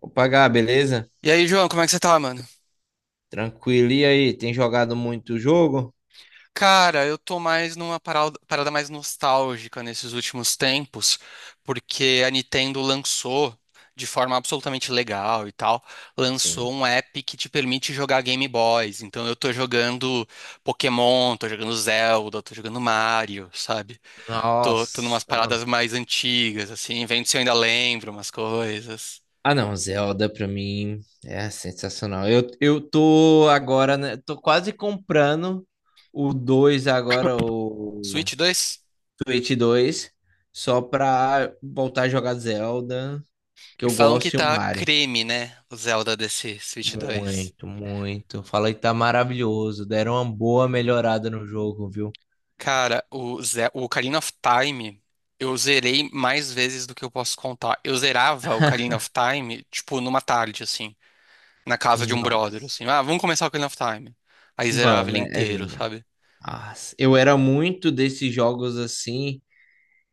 Opa, Gá, beleza? E aí, João, como é que você tá, mano? Tranquilo. E aí, tem jogado muito jogo? Cara, eu tô mais numa parada mais nostálgica nesses últimos tempos, porque a Nintendo lançou, de forma absolutamente legal e tal, lançou Sim. um app que te permite jogar Game Boys. Então eu tô jogando Pokémon, tô jogando Zelda, tô jogando Mario, sabe? Tô numas Nossa, mano. paradas mais antigas, assim, vendo se eu ainda lembro umas coisas. Ah, não, Zelda pra mim é sensacional. Eu tô agora, né, tô quase comprando o 2 agora, o Switch dois. Switch 2 só pra voltar a jogar Zelda, que E eu falam que gosto, e o tá Mario. creme, né? O Zelda desse Switch dois. Muito, muito. Fala que tá maravilhoso. Deram uma boa melhorada no jogo, viu? Cara, o Ocarina of Time, eu zerei mais vezes do que eu posso contar. Eu zerava o Ocarina of Time, tipo, numa tarde, assim, na casa de um brother, Nossa. assim. Ah, vamos começar o Ocarina of Time. Aí zerava Vamos, ele inteiro, sabe? ah, eu era muito desses jogos assim,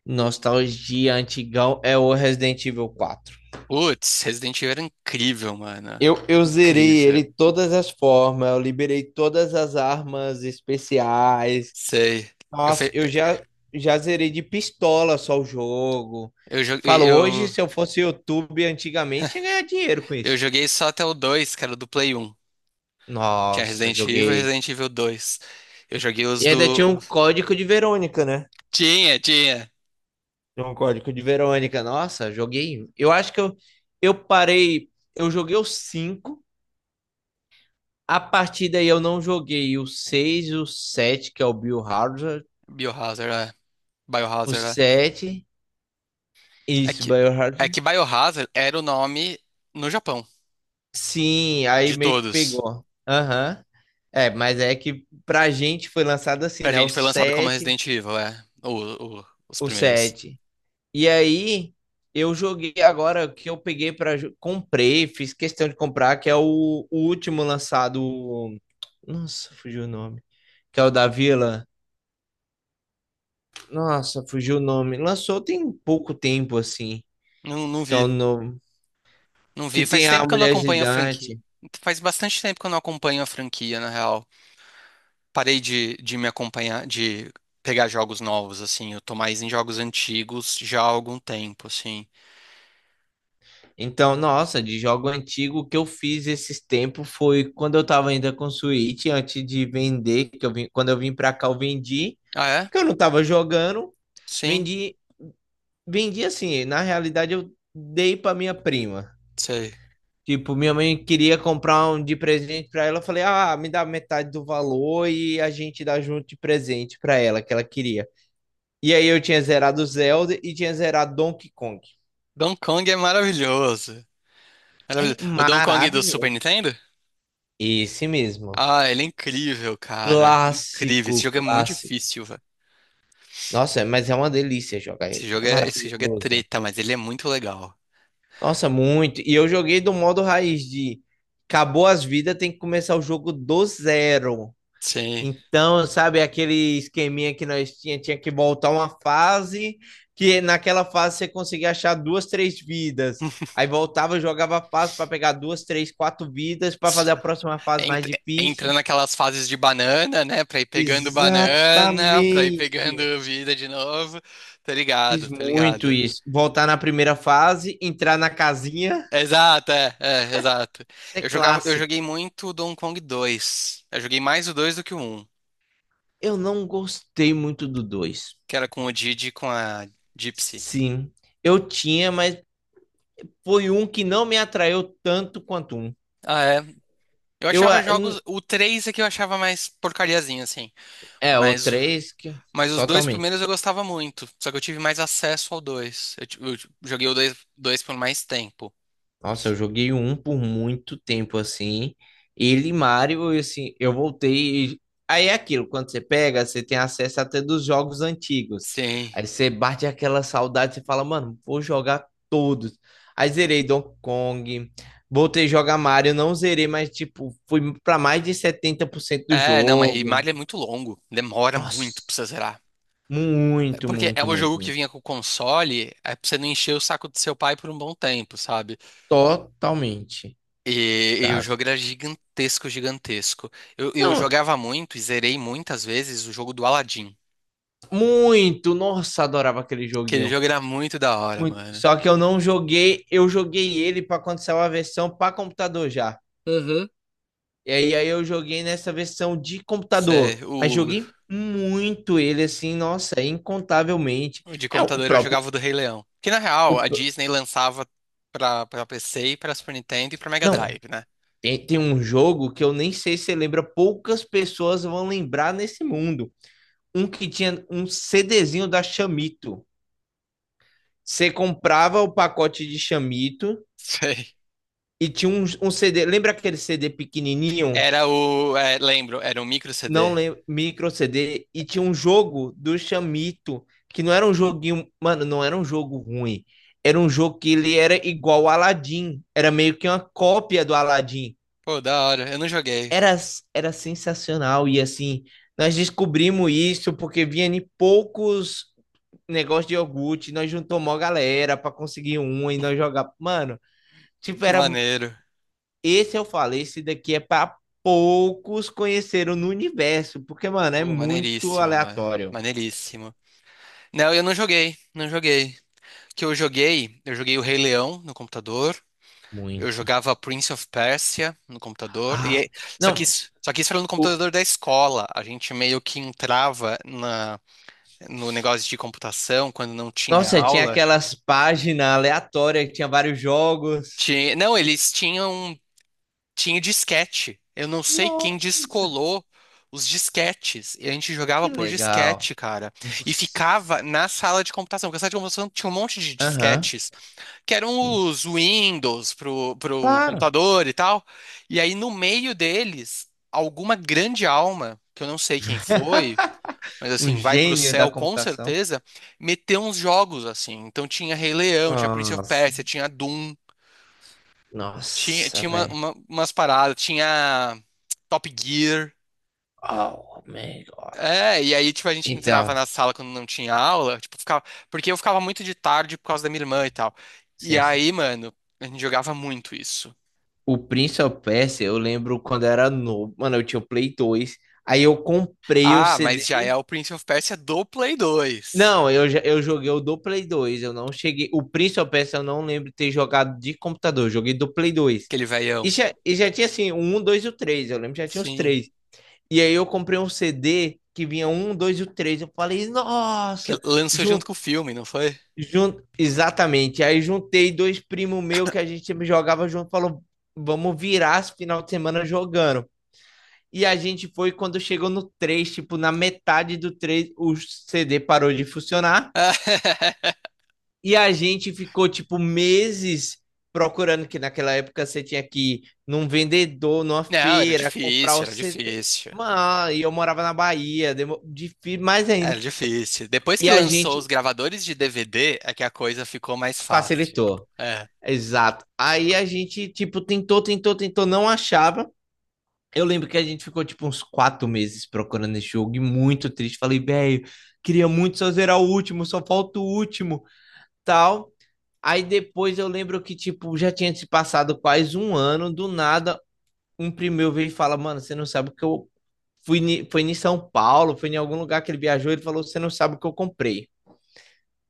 nostalgia antigão, é o Resident Evil 4. Putz, Resident Evil era incrível, mano. Eu zerei ele Incrível. todas as formas, eu liberei todas as armas especiais. Sei. Eu, Nossa, fe... eu já zerei de pistola só o jogo. eu, joguei, Falo, hoje eu, se eu fosse YouTube antigamente, ia ganhar dinheiro com eu isso. joguei só até o 2, que era do Play 1. Tinha Nossa, Resident Evil e joguei. Resident Evil 2. Eu joguei E ainda tinha um código de Verônica, né? Tinha, tinha. Tem um código de Verônica. Nossa, joguei um. Eu acho que eu parei. Eu joguei o cinco. A partir daí eu não joguei o seis, o sete, que é o Biohazard. Biohazard, é. O Biohazard, é. sete. É Isso, que, é Biohazard. que Biohazard era o nome no Japão, Sim, aí de meio que todos. pegou. Aham. É, mas é que pra gente foi lançado assim, Pra né? O gente foi lançado como 7, Resident Evil, é. Os o primeiros. 7. E aí eu joguei agora que eu peguei comprei, fiz questão de comprar, que é o último lançado. Nossa, fugiu o nome. Que é o da Vila. Nossa, fugiu o nome. Lançou tem pouco tempo, assim. Não, não Que é o vi. novo. Não Que vi. Faz tem a tempo que eu não Mulher acompanho a franquia. Gigante. Faz bastante tempo que eu não acompanho a franquia, na real. Parei de me acompanhar, de pegar jogos novos, assim. Eu tô mais em jogos antigos já há algum tempo, assim. Então, nossa, de jogo antigo, o que eu fiz esses tempos foi quando eu tava ainda com Switch, antes de vender, que eu vim, pra cá, eu vendi, Ah, é? que eu não tava jogando, Sim, vendi, vendi assim, na realidade eu dei pra minha prima. sei. Tipo, minha mãe queria comprar um de presente pra ela. Eu falei, ah, me dá metade do valor e a gente dá junto de presente pra ela, que ela queria. E aí eu tinha zerado Zelda e tinha zerado Donkey Kong. Donkey Kong é maravilhoso. É Maravilhoso. O Donkey Kong do Super maravilhoso. Nintendo? Esse mesmo. Ah, ele é incrível, cara. Incrível. Esse Clássico, jogo é muito clássico. difícil, velho. Nossa, mas é uma delícia jogar ele. É Esse jogo é maravilhoso. treta, mas ele é muito legal. Nossa, muito. E eu joguei do modo raiz de acabou as vidas, tem que começar o jogo do zero. Sim. Então, sabe, aquele esqueminha que nós tinha, tinha que voltar uma fase, que naquela fase você conseguia achar duas, três vidas. Aí voltava, jogava a fase para pegar duas, três, quatro vidas para fazer a próxima É fase mais Ent- Entra difícil. naquelas fases de banana, né? Pra ir pegando banana, pra ir pegando Exatamente. vida de novo. Tô Fiz ligado, tô muito ligado. isso. Voltar na primeira fase, entrar na casinha, Exato, é, é, exato. é Eu clássica. joguei muito o Donkey Kong dois. Eu joguei mais o 2 do que o um, Eu não gostei muito do dois. que era com o Didi e com a Gypsy. Sim, eu tinha, mas foi um que não me atraiu tanto quanto um. Ah, é? Eu Eu, achava ah, jogos. O 3 é que eu achava mais porcariazinho, assim. É, o Mas, o- 3 que mas os dois totalmente. primeiros eu gostava muito. Só que eu tive mais acesso ao 2. Joguei o dois por mais tempo. Nossa, eu joguei o 1 por muito tempo assim. Ele e Mario, assim, eu aí é aquilo, quando você pega, você tem acesso até dos jogos antigos. Sim. Aí você bate aquela saudade, você fala, mano, vou jogar todos. Aí zerei Donkey Kong, voltei a jogar Mario, não zerei, mas tipo, fui pra mais de 70% do É, não, mas e jogo. Mario é muito longo. Demora muito Nossa, pra você zerar. É. muito, Porque é muito, o jogo muito, que muito. vinha com o console, é pra você não encher o saco do seu pai por um bom tempo, sabe? Totalmente, E o sabe? jogo era gigantesco. Eu Não, jogava muito e zerei muitas vezes o jogo do Aladdin. muito, nossa, adorava aquele Aquele joguinho. jogo era muito da hora, Muito. mano. Só que eu não joguei, eu joguei ele para quando saiu a versão para computador já. E aí, aí eu joguei nessa versão de computador, Cê- mas o, joguei muito ele assim, nossa, incontavelmente. o de É o computador eu próprio, jogava o do Rei Leão. Que na o real, a pr- Disney lançava pra PC, e pra Super Nintendo e pra Mega não, Drive, né? tem um jogo que eu nem sei se você lembra, poucas pessoas vão lembrar nesse mundo. Um que tinha um CDzinho da Chamito. Você comprava o pacote de Chamito. Sei. E tinha um CD, lembra aquele CD pequenininho? Era o. é, lembro, era um micro Não CD. lembro, micro CD. E tinha um jogo do Chamito, que não era um joguinho, mano, não era um jogo ruim. Era um jogo que ele era igual ao Aladdin. Era meio que uma cópia do Aladdin. Pô, da hora, eu não joguei. Era, era sensacional. E assim, nós descobrimos isso porque vinha em poucos negócios de iogurte, nós juntamos uma galera para conseguir um e nós jogar. Mano, tipo, Que era. maneiro. Esse eu falei, esse daqui é para poucos conheceram no universo, porque, mano, é Pô, muito maneiríssimo, mano. aleatório. Maneiríssimo. Não, eu não joguei, não joguei. O Que eu joguei o Rei Leão no computador. Eu Muito. jogava Prince of Persia no computador. Ah, não, Só que isso era no o... computador da escola. A gente meio que entrava na no negócio de computação, quando não tinha nossa, tinha aula. aquelas páginas aleatórias que tinha vários jogos. Tinha... Não, eles tinham. Tinha disquete. Eu não sei quem Nossa, descolou os disquetes. E a gente jogava que por legal. disquete, cara. E ficava Nossa. na sala de computação, porque a sala de computação tinha um monte de Aham, disquetes, que eram sim. os Windows pro Claro, computador e tal. E aí, no meio deles, alguma grande alma, que eu não sei quem foi, mas um assim, vai pro gênio da céu com computação. certeza, meter uns jogos assim. Então tinha Rei Leão, tinha Prince of Nossa, Persia, tinha Doom, tinha, nossa, velho. Umas paradas, tinha Top Gear. Oh, my gosh. É, e aí, tipo, a gente entrava Então, na sala quando não tinha aula, tipo, ficava, porque eu ficava muito de tarde por causa da minha irmã e tal. E sim, sim. aí, mano, a gente jogava muito isso. O Prince of Persia, eu lembro quando eu era novo, mano, eu tinha o Play 2, aí eu comprei o Ah, mas já CD. é o Prince of Persia do Play 2, Não, eu, já- eu joguei o do Play 2, eu não cheguei. O Prince of Persia eu não lembro de ter jogado de computador, eu joguei do Play 2. aquele velhão. E já tinha assim, o 1, 2 e o 3, eu lembro que já tinha os Sim. três. E aí eu comprei um CD que vinha um, dois e o 3, eu falei, Que nossa, lançou junto junto, com o filme, não foi? junto, exatamente. Aí juntei dois primos meus que a gente sempre jogava junto, falou, vamos virar esse final de semana jogando. E a gente foi quando chegou no 3 tipo, na metade do 3 o CD parou de funcionar. E a gente ficou, tipo, meses procurando, que naquela época você tinha que ir num vendedor, numa Não, era feira, comprar o difícil, era CD. difícil. Mano, e eu morava na Bahia, mais ainda. Era difícil. Depois E que a lançou os gente gravadores de DVD, é que a coisa ficou mais fácil. facilitou. É, Exato. Aí a gente, tipo, tentou, tentou, tentou, não achava. Eu lembro que a gente ficou tipo uns 4 meses procurando esse jogo e muito triste. Falei, velho, queria muito só zerar o último, só falta o último, tal. Aí depois eu lembro que, tipo, já tinha se passado quase um ano, do nada, um primeiro veio e fala, mano, você não sabe o que eu fui, foi em São Paulo, foi em algum lugar que ele viajou, ele falou, você não sabe o que eu comprei.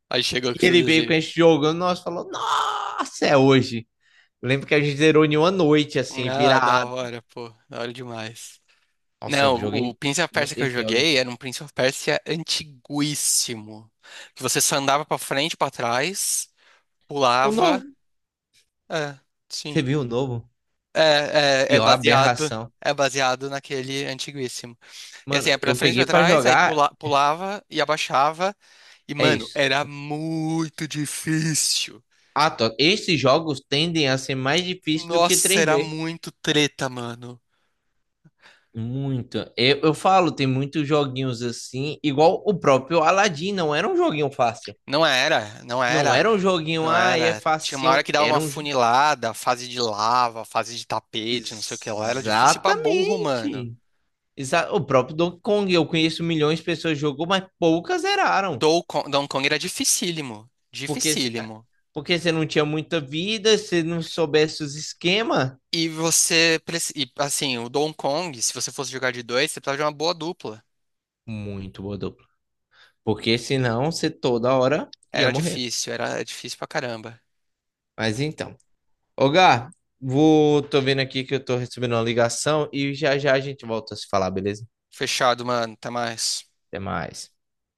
aí chegou que E ele veio com fazia. esse jogo, nós falou, nossa, é hoje. Eu lembro que a gente zerou em uma noite, assim, Ah, da virado. hora, pô, da hora demais. Nossa, eu Não, o joguei Prince of Persia que eu esse jogo joguei antes. era um Prince of Persia antiguíssimo. Que você só andava pra frente e pra trás, O novo. pulava. É, Você sim. viu o novo? É Pior baseado. aberração. É baseado naquele antiguíssimo. E assim, Mano, é pra eu frente e pra peguei pra trás, jogar, pulava e abaixava. E, é mano, isso. era muito difícil. Ah, tô. Esses jogos tendem a ser mais difíceis do que Nossa, era 3D. muito treta, mano. Muito. Eu falo, tem muitos joguinhos assim, igual o próprio Aladdin, não era um joguinho fácil. Não era, não Não era, era um joguinho, não ah, é era. Tinha uma facinho. hora que dava uma funilada, fase de lava, fase de tapete, não sei o que lá. Era difícil pra burro, mano. Exatamente. O próprio Donkey Kong, eu conheço milhões de pessoas que jogou, mas poucas zeraram. Dou- Donkey Kong era dificílimo. Porque, se- ah, Dificílimo. porque você não tinha muita vida, se não soubesse os esquemas, Assim, o Donkey Kong, se você fosse jogar de dois, você precisava de uma boa dupla. muito boa dupla. Porque senão você toda hora ia morrer. Era difícil pra caramba. Mas então. Ô, Gá, tô vendo aqui que eu tô recebendo uma ligação e já já a gente volta a se falar, beleza? Fechado, mano. Até mais. Até mais.